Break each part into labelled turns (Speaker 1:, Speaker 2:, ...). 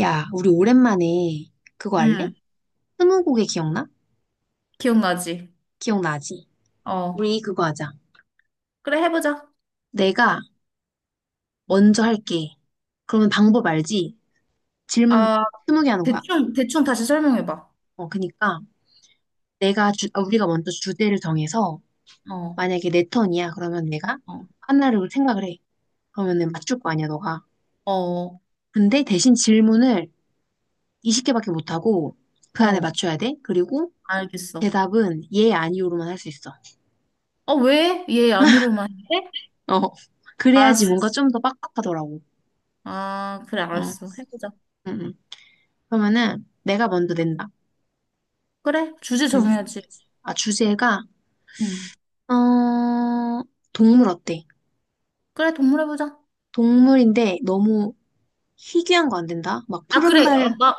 Speaker 1: 야, 우리 오랜만에 그거 할래?
Speaker 2: 응,
Speaker 1: 스무고개 기억나?
Speaker 2: 기억나지?
Speaker 1: 기억나지?
Speaker 2: 어.
Speaker 1: 우리 그거 하자.
Speaker 2: 그래, 해보자.
Speaker 1: 내가 먼저 할게. 그러면 방법 알지? 질문
Speaker 2: 아,
Speaker 1: 스무 개 하는 거야.
Speaker 2: 대충, 대충 다시 설명해봐.
Speaker 1: 그니까 우리가 먼저 주제를 정해서
Speaker 2: 어,
Speaker 1: 만약에 내 턴이야. 그러면 내가
Speaker 2: 어,
Speaker 1: 하나를 생각을 해. 그러면은 맞출 거 아니야, 너가.
Speaker 2: 어,
Speaker 1: 근데 대신 질문을 20개밖에 못 하고 그 안에
Speaker 2: 어,
Speaker 1: 맞춰야 돼. 그리고
Speaker 2: 알겠어.
Speaker 1: 대답은 예, 아니오로만 할 수 있어.
Speaker 2: 어, 왜? 얘 아니로만 해?
Speaker 1: 어. 그래야지
Speaker 2: 알았어.
Speaker 1: 뭔가 좀 더 빡빡하더라고.
Speaker 2: 아, 그래,
Speaker 1: 어.
Speaker 2: 알았어. 해보자.
Speaker 1: 응, 응. 그러면은 내가 먼저 낸다.
Speaker 2: 그래, 주제
Speaker 1: 응.
Speaker 2: 정해야지.
Speaker 1: 아, 주제가
Speaker 2: 응.
Speaker 1: 어, 동물 어때?
Speaker 2: 그래, 동물 해보자.
Speaker 1: 동물인데 너무 희귀한 거 안 된다. 막
Speaker 2: 아, 그래. 아, 나,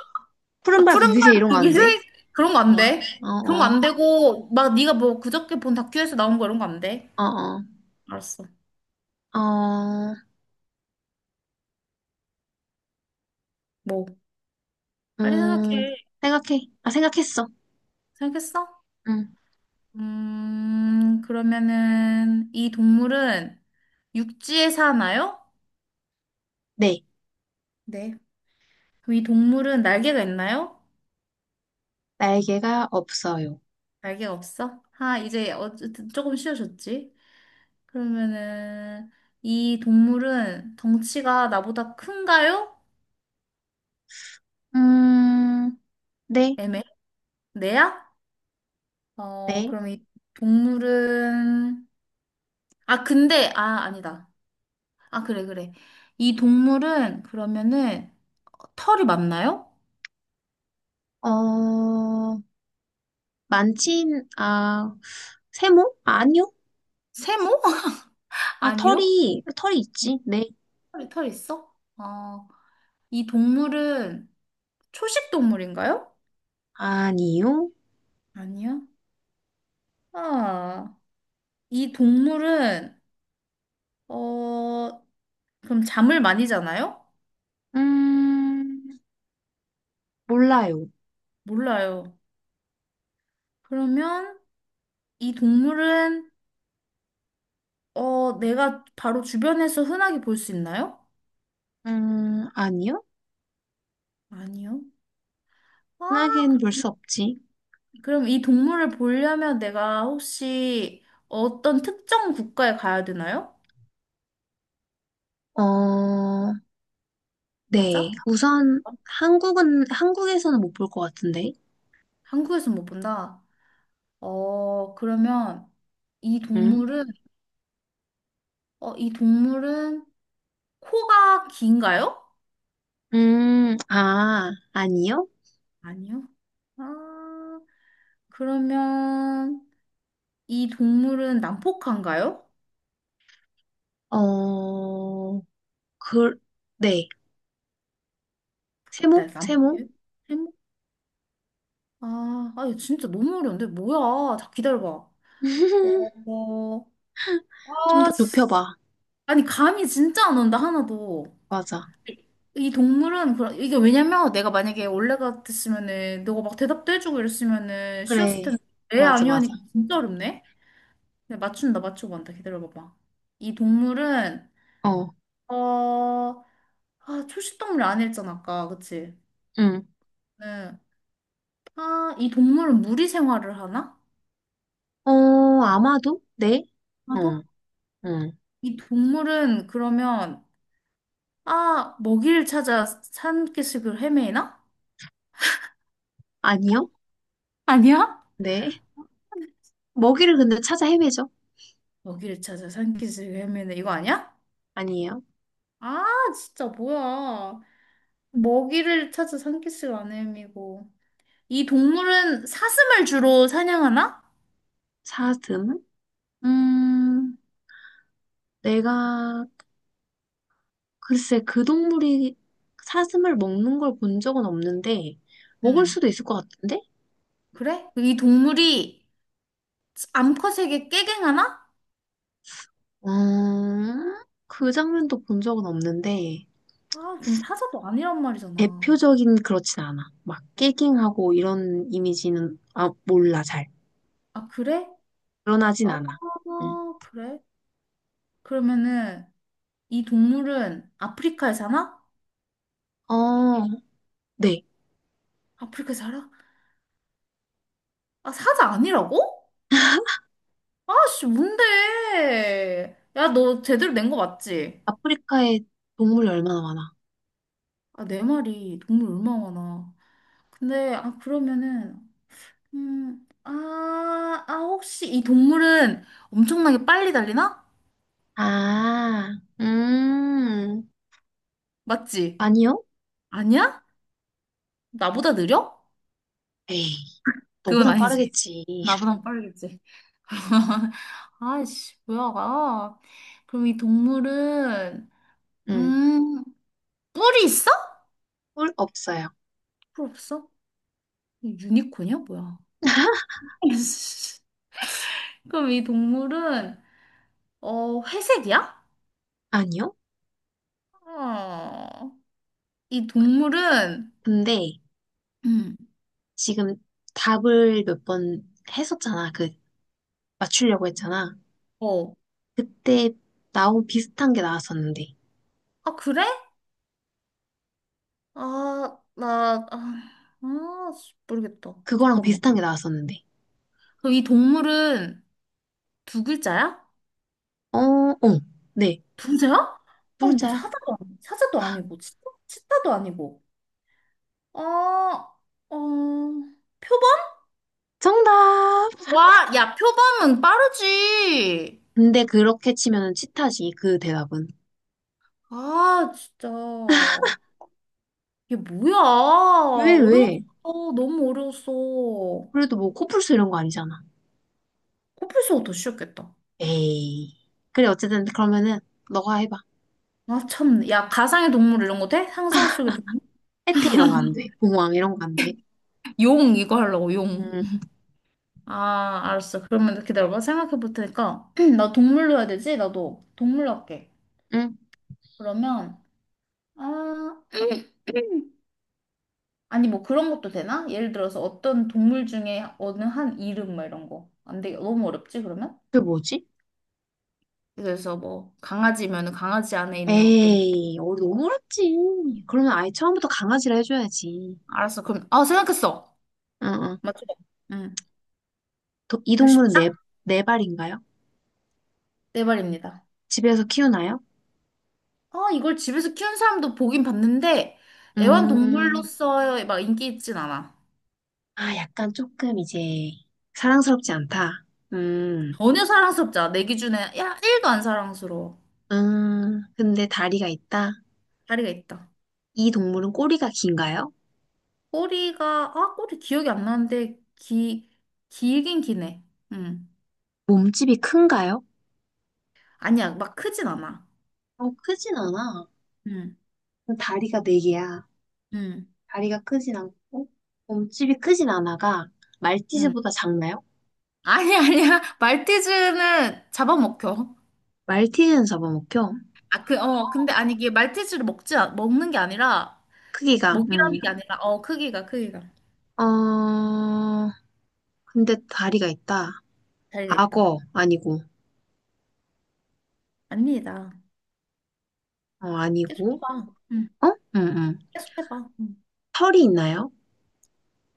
Speaker 2: 아,
Speaker 1: 푸른발
Speaker 2: 푸른발
Speaker 1: 부비새 이런 거 안
Speaker 2: 고기는
Speaker 1: 돼.
Speaker 2: 그런 거 안
Speaker 1: 어,
Speaker 2: 돼. 그런 거
Speaker 1: 어,
Speaker 2: 안 되고, 막 네가 뭐 그저께 본 다큐에서 나온 거 이런 거 안 돼.
Speaker 1: 어, 어,
Speaker 2: 알았어.
Speaker 1: 어, 어,
Speaker 2: 뭐, 빨리
Speaker 1: 음,
Speaker 2: 생각해.
Speaker 1: 생각해. 아, 생각했어.
Speaker 2: 생각했어?
Speaker 1: 응.
Speaker 2: 그러면은 이 동물은 육지에 사나요?
Speaker 1: 네,
Speaker 2: 네. 그럼 이 동물은 날개가 있나요?
Speaker 1: 날개가 없어요.
Speaker 2: 날개가 없어? 아, 이제 어쨌든 조금 쉬워졌지. 그러면은 이 동물은 덩치가 나보다 큰가요?
Speaker 1: 음, 네,
Speaker 2: 애매? 내야? 어,
Speaker 1: 네.
Speaker 2: 그럼 이 동물은. 아, 근데 아, 아니다. 아, 그래, 그래. 이 동물은 그러면은 털이 많나요?
Speaker 1: 어, 많진 아, 세모? 아, 아니요.
Speaker 2: 세모?
Speaker 1: 아,
Speaker 2: 아니요?
Speaker 1: 털이 있지. 네.
Speaker 2: 털이 털 있어? 아, 이 동물은 초식 동물인가요?
Speaker 1: 아니요.
Speaker 2: 아니요. 아, 이 동물은, 어, 그럼 잠을 많이 자나요?
Speaker 1: 음, 몰라요.
Speaker 2: 몰라요. 그러면 이 동물은, 어, 내가 바로 주변에서 흔하게 볼 수 있나요?
Speaker 1: 아니요?
Speaker 2: 아니요. 아,
Speaker 1: 흔하게는 볼 수 없지.
Speaker 2: 그럼 이 동물을 보려면 내가 혹시 어떤 특정 국가에 가야 되나요?
Speaker 1: 어, 네.
Speaker 2: 맞아?
Speaker 1: 우선, 한국에서는 못 볼 것 같은데.
Speaker 2: 한국에서 못 본다. 어, 그러면 이
Speaker 1: 음,
Speaker 2: 동물은, 어, 이 동물은 코가 긴가요?
Speaker 1: 아, 아니요?
Speaker 2: 아니요. 아, 그러면 이 동물은 난폭한가요?
Speaker 1: 어, 그, 네. 세모?
Speaker 2: 네,
Speaker 1: 세모?
Speaker 2: 난폭해요? 해모- 아, 아, 이거 진짜 너무 어려운데? 뭐야? 자, 기다려봐. 어,
Speaker 1: 좀
Speaker 2: 아,
Speaker 1: 더
Speaker 2: 씨.
Speaker 1: 좁혀봐.
Speaker 2: 아니, 감이 진짜 안 온다, 하나도.
Speaker 1: 맞아.
Speaker 2: 이 동물은, 그런 이게 왜냐면 내가 만약에 원래 같았으면은, 너가 막 대답도 해주고 이랬으면은 쉬웠을
Speaker 1: 그래.
Speaker 2: 텐데, 애
Speaker 1: 맞아,
Speaker 2: 아니오
Speaker 1: 맞아.
Speaker 2: 하니까 진짜 어렵네? 네, 맞춘다, 맞추고 간다. 기다려봐봐. 이 동물은,
Speaker 1: 어,
Speaker 2: 어, 아, 초식동물 아니랬잖아 아까. 그치?
Speaker 1: 응.
Speaker 2: 네. 아, 이 동물은 무리 생활을 하나?
Speaker 1: 어, 아마도? 네?
Speaker 2: 나도?
Speaker 1: 어, 응.
Speaker 2: 이 동물은 그러면, 아, 먹이를 찾아 산기슭을 헤매나?
Speaker 1: 아니요?
Speaker 2: 아니야?
Speaker 1: 네. 먹이를 근데 찾아 헤매죠?
Speaker 2: 먹이를 찾아 산기슭을 헤매는 이거 아니야?
Speaker 1: 아니에요?
Speaker 2: 아, 진짜 뭐야. 먹이를 찾아 산기슭을 안 헤매고. 이 동물은 사슴을 주로 사냥하나?
Speaker 1: 사슴? 음, 내가 글쎄 그 동물이 사슴을 먹는 걸 본 적은 없는데 먹을
Speaker 2: 응.
Speaker 1: 수도 있을 것 같은데?
Speaker 2: 그래? 이 동물이 암컷에게 깨갱하나?
Speaker 1: 음, 그 장면도 본 적은 없는데
Speaker 2: 아, 그럼 사자도 아니란 말이잖아.
Speaker 1: 대표적인 그렇진 않아. 막 깨갱하고 이런 이미지는 아 몰라 잘.
Speaker 2: 아, 그래?
Speaker 1: 드러나진
Speaker 2: 아,
Speaker 1: 않아. 응.
Speaker 2: 그래? 그러면은 이 동물은 아프리카에 사나?
Speaker 1: 어, 네.
Speaker 2: 아프리카에 살아? 아, 사자 아니라고? 아씨, 뭔데? 야, 너 제대로 낸 거 맞지?
Speaker 1: 아프리카에 동물이 얼마나 많아?
Speaker 2: 아, 내 말이 동물 얼마나 많아. 근데, 아, 그러면은, 아, 아, 혹시 이 동물은 엄청나게 빨리 달리나?
Speaker 1: 아, 음,
Speaker 2: 맞지?
Speaker 1: 아니요?
Speaker 2: 아니야? 나보다 느려?
Speaker 1: 에이,
Speaker 2: 그건
Speaker 1: 너보단
Speaker 2: 아니지.
Speaker 1: 빠르겠지.
Speaker 2: 나보단 빠르겠지. 아이씨, 뭐야, 아, 그럼 이 동물은,
Speaker 1: 음.
Speaker 2: 음, 뿔이 있어?
Speaker 1: 꿀 없어요.
Speaker 2: 뿔 없어? 유니콘이야, 뭐야? 그럼 이 동물은, 어, 회색이야?
Speaker 1: 아니요?
Speaker 2: 어, 이 동물은,
Speaker 1: 근데
Speaker 2: 음,
Speaker 1: 지금 답을 몇 번 했었잖아. 그 맞추려고 했잖아.
Speaker 2: 어,
Speaker 1: 그때 나온 비슷한 게 나왔었는데.
Speaker 2: 아, 그래? 아, 나, 아, 아, 씨, 모르겠다.
Speaker 1: 그거랑
Speaker 2: 잠깐만.
Speaker 1: 비슷한 게 나왔었는데.
Speaker 2: 그럼 이 동물은 두 글자야?
Speaker 1: 어, 어. 네.
Speaker 2: 부자야?
Speaker 1: 뿔자야.
Speaker 2: 사자도 아니고 치타, 치타도 아니고. 어, 어, 표범?
Speaker 1: 정답!
Speaker 2: 와, 야, 표범은 빠르지.
Speaker 1: 근데 그렇게 치면은 치타지, 그 대답은.
Speaker 2: 아, 진짜. 이게 뭐야?
Speaker 1: 왜, 왜?
Speaker 2: 어려웠어. 너무 어려웠어.
Speaker 1: 그래도 뭐 코뿔소 이런 거 아니잖아.
Speaker 2: 코뿔소가 더 쉬웠겠다.
Speaker 1: 에이. 그래, 어쨌든 그러면은 너가 해봐.
Speaker 2: 아, 참. 야, 가상의 동물 이런 거 돼? 상상 속의 동물?
Speaker 1: 해태 이런 거 안 돼. 봉황 이런 거 안 돼.
Speaker 2: 용, 이거 하려고, 용.
Speaker 1: 음,
Speaker 2: 아, 알았어. 그러면 기다려봐. 생각해 볼 테니까. 나 동물로 해야 되지? 나도 동물로 할게.
Speaker 1: 음.
Speaker 2: 그러면. 아, 아니 뭐 그런 것도 되나? 예를 들어서 어떤 동물 중에 어느 한 이름 뭐 이런 거. 안 되게 너무 어렵지 그러면?
Speaker 1: 그게 뭐지?
Speaker 2: 그래서 뭐 강아지면 은 강아지 안에 있는 어떤
Speaker 1: 에이, 어, 너무 어렵지. 그러면 아예 처음부터 강아지를 해줘야지.
Speaker 2: 알았어. 그럼, 아, 생각했어.
Speaker 1: 응, 응.
Speaker 2: 맞죠? 응.
Speaker 1: 이
Speaker 2: 이거
Speaker 1: 동물은
Speaker 2: 쉽다.
Speaker 1: 네, 네 발인가요?
Speaker 2: 네 말입니다.
Speaker 1: 집에서 키우나요?
Speaker 2: 아, 이걸 집에서 키운 사람도 보긴 봤는데
Speaker 1: 음,
Speaker 2: 애완동물로서 막 인기 있진 않아.
Speaker 1: 아, 약간 조금 이제 사랑스럽지 않다. 음,
Speaker 2: 전혀 사랑스럽지 않아. 내 기준에 야 1도 안 사랑스러워.
Speaker 1: 근데 다리가 있다.
Speaker 2: 다리가 있다.
Speaker 1: 이 동물은 꼬리가 긴가요?
Speaker 2: 꼬리가, 아, 꼬리 기억이 안 나는데 기 길긴 기네. 응.
Speaker 1: 몸집이 큰가요?
Speaker 2: 아니야, 막 크진 않아.
Speaker 1: 어, 크진 않아.
Speaker 2: 응,
Speaker 1: 그럼 다리가 네 개야.
Speaker 2: 응.
Speaker 1: 다리가 크진 않고, 몸집이 크진 않아가
Speaker 2: 응.
Speaker 1: 말티즈보다 작나요?
Speaker 2: 아니, 아니야. 말티즈는 잡아먹혀.
Speaker 1: 말티즈는 잡아먹혀.
Speaker 2: 아, 그, 어, 근데 아니, 이게 말티즈를 먹지, 않- 먹는 게 아니라,
Speaker 1: 크기가,
Speaker 2: 먹이라는 게 아니라, 어, 크기가, 크기가.
Speaker 1: 어, 근데 다리가 있다.
Speaker 2: 잘있다.
Speaker 1: 악어, 아니고.
Speaker 2: 아닙니다.
Speaker 1: 어,
Speaker 2: 계속
Speaker 1: 아니고.
Speaker 2: 해봐. 응.
Speaker 1: 어? 응, 응.
Speaker 2: 계속 해봐. 응.
Speaker 1: 털이 있나요?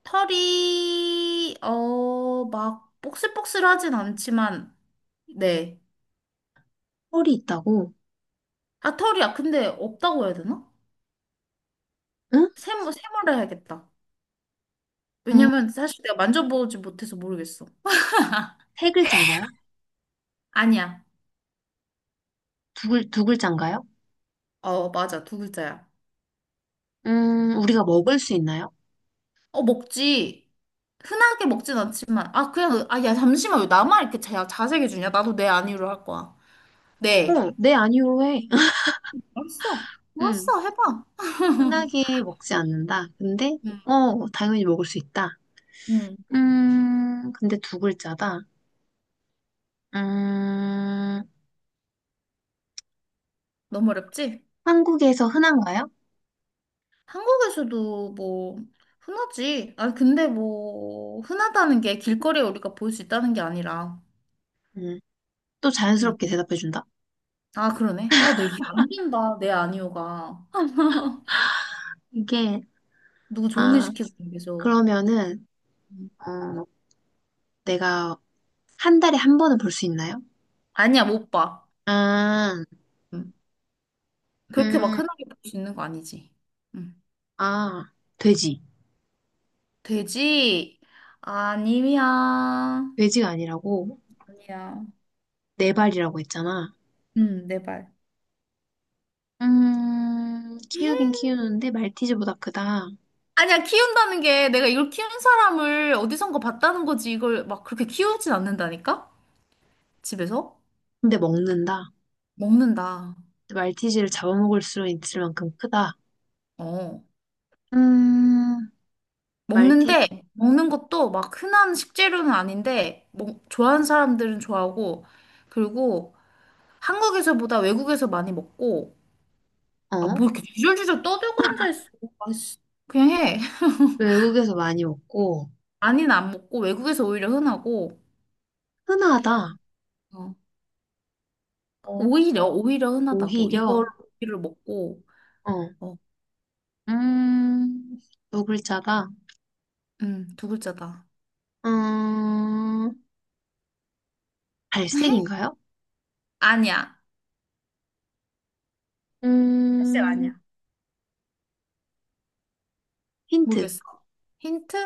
Speaker 2: 털이, 어, 막, 복슬복슬하진 않지만, 네.
Speaker 1: 털이 있다고?
Speaker 2: 아, 털이야. 근데 없다고 해야 되나?
Speaker 1: 응?
Speaker 2: 샘모 세모를 해야겠다.
Speaker 1: 음,
Speaker 2: 왜냐면 사실 내가 만져보지 못해서 모르겠어.
Speaker 1: 세 글자인가요?
Speaker 2: 아니야.
Speaker 1: 두 글자인가요?
Speaker 2: 어, 맞아. 두 글자야.
Speaker 1: 우리가 먹을 수 있나요?
Speaker 2: 어, 먹지. 흔하게 먹진 않지만. 아, 그냥, 아, 야, 잠시만. 왜 나만 이렇게 자, 자세게 주냐? 나도 내 아니로 할 거야. 네.
Speaker 1: 어, 네, 아니요로 해.
Speaker 2: 알았어.
Speaker 1: 음,
Speaker 2: 알았어. 해봐.
Speaker 1: 흔하게 먹지 않는다. 근데,
Speaker 2: 응.
Speaker 1: 어, 당연히 먹을 수 있다.
Speaker 2: 응.
Speaker 1: 근데 두 글자다. 음,
Speaker 2: 너무 어렵지?
Speaker 1: 한국에서 흔한가요?
Speaker 2: 한국에서도 뭐, 흔하지. 아, 근데 뭐, 흔하다는 게 길거리에 우리가 볼 수 있다는 게 아니라.
Speaker 1: 음, 또
Speaker 2: 응.
Speaker 1: 자연스럽게 대답해준다.
Speaker 2: 아, 그러네. 아, 내안 된다. 내 아니오가.
Speaker 1: 이게,
Speaker 2: 누구 좋은 일
Speaker 1: 아,
Speaker 2: 시키고 계속.
Speaker 1: 그러면은,
Speaker 2: 응.
Speaker 1: 어, 내가 한 달에 한 번은 볼 수 있나요?
Speaker 2: 아니야, 못 봐.
Speaker 1: 아,
Speaker 2: 응. 그렇게 막
Speaker 1: 음,
Speaker 2: 흔하게 볼 수 있는 거 아니지? 응.
Speaker 1: 아, 돼지.
Speaker 2: 돼지? 아니야.
Speaker 1: 돼지가 아니라고
Speaker 2: 아니야.
Speaker 1: 네 발이라고 했잖아.
Speaker 2: 응, 내 말.
Speaker 1: 키우긴 키우는데 말티즈보다 크다.
Speaker 2: 아니야, 키운다는 게 내가 이걸 키운 사람을 어디선가 봤다는 거지. 이걸 막 그렇게 키우진 않는다니까? 집에서?
Speaker 1: 근데 먹는다.
Speaker 2: 먹는다.
Speaker 1: 말티즈를 잡아먹을 수 있을 만큼 크다.
Speaker 2: 어.
Speaker 1: 음, 말티,
Speaker 2: 먹는데, 먹는 것도 막 흔한 식재료는 아닌데, 먹, 좋아하는 사람들은 좋아하고, 그리고 한국에서보다 외국에서 많이 먹고, 아,
Speaker 1: 어?
Speaker 2: 뭐 이렇게 주절주절 떠들고 앉아있어. 아있어. 그냥 해.
Speaker 1: 외국에서 많이 먹고
Speaker 2: 많이는 안 먹고 외국에서 오히려 흔하고,
Speaker 1: 흔하다.
Speaker 2: 어,
Speaker 1: 어,
Speaker 2: 오히려
Speaker 1: 어,
Speaker 2: 오히려 흔하다고. 이걸
Speaker 1: 오히려,
Speaker 2: 고기를 먹고,
Speaker 1: 어,
Speaker 2: 어,
Speaker 1: 음, 두 글자다.
Speaker 2: 두 글자다.
Speaker 1: 음, 갈색인가요?
Speaker 2: 아니야. 사실 아니야.
Speaker 1: 음, 힌트.
Speaker 2: 모르겠어. 힌트?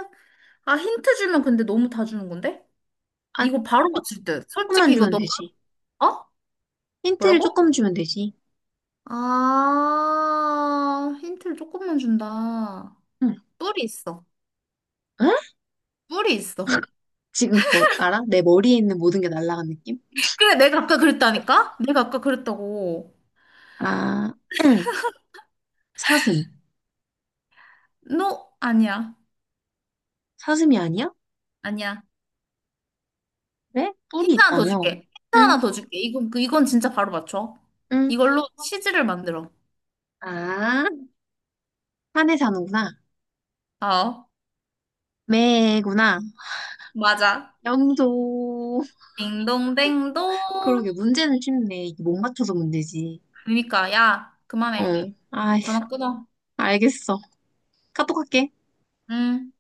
Speaker 2: 아, 힌트 주면 근데 너무 다 주는 건데?
Speaker 1: 안,
Speaker 2: 이거 바로
Speaker 1: 조-
Speaker 2: 맞출 듯.
Speaker 1: 조금만
Speaker 2: 솔직히 이거
Speaker 1: 주면
Speaker 2: 너,
Speaker 1: 되지.
Speaker 2: 어?
Speaker 1: 힌트를
Speaker 2: 뭐라고?
Speaker 1: 조금 주면 되지.
Speaker 2: 아, 힌트를 조금만 준다.
Speaker 1: 응.
Speaker 2: 뿔이 있어.
Speaker 1: 응?
Speaker 2: 뿔이 있어.
Speaker 1: 지금 그거 알아? 내 머리에 있는 모든 게 날아간 느낌?
Speaker 2: 그래, 내가 아까 그랬다니까? 내가 아까 그랬다고.
Speaker 1: 아, 응. 사슴.
Speaker 2: 너, 아니야.
Speaker 1: 사슴이 아니야?
Speaker 2: 아니야.
Speaker 1: 왜? 뿔이
Speaker 2: 힌트 하나 더
Speaker 1: 있다며.
Speaker 2: 줄게. 힌트
Speaker 1: 응,
Speaker 2: 하나 더 줄게. 이건, 그- 이건 진짜 바로 맞춰.
Speaker 1: 응.
Speaker 2: 이걸로 치즈를 만들어.
Speaker 1: 아, 산에 사는구나.
Speaker 2: 어,
Speaker 1: 매구나.
Speaker 2: 맞아.
Speaker 1: 영도.
Speaker 2: 딩동댕동.
Speaker 1: 그러게, 문제는 쉽네. 이게 못 맞춰서 문제지.
Speaker 2: 그러니까, 야, 그만해.
Speaker 1: 응. 아,
Speaker 2: 전화 끊어.
Speaker 1: 알겠어. 카톡 할게.
Speaker 2: 응.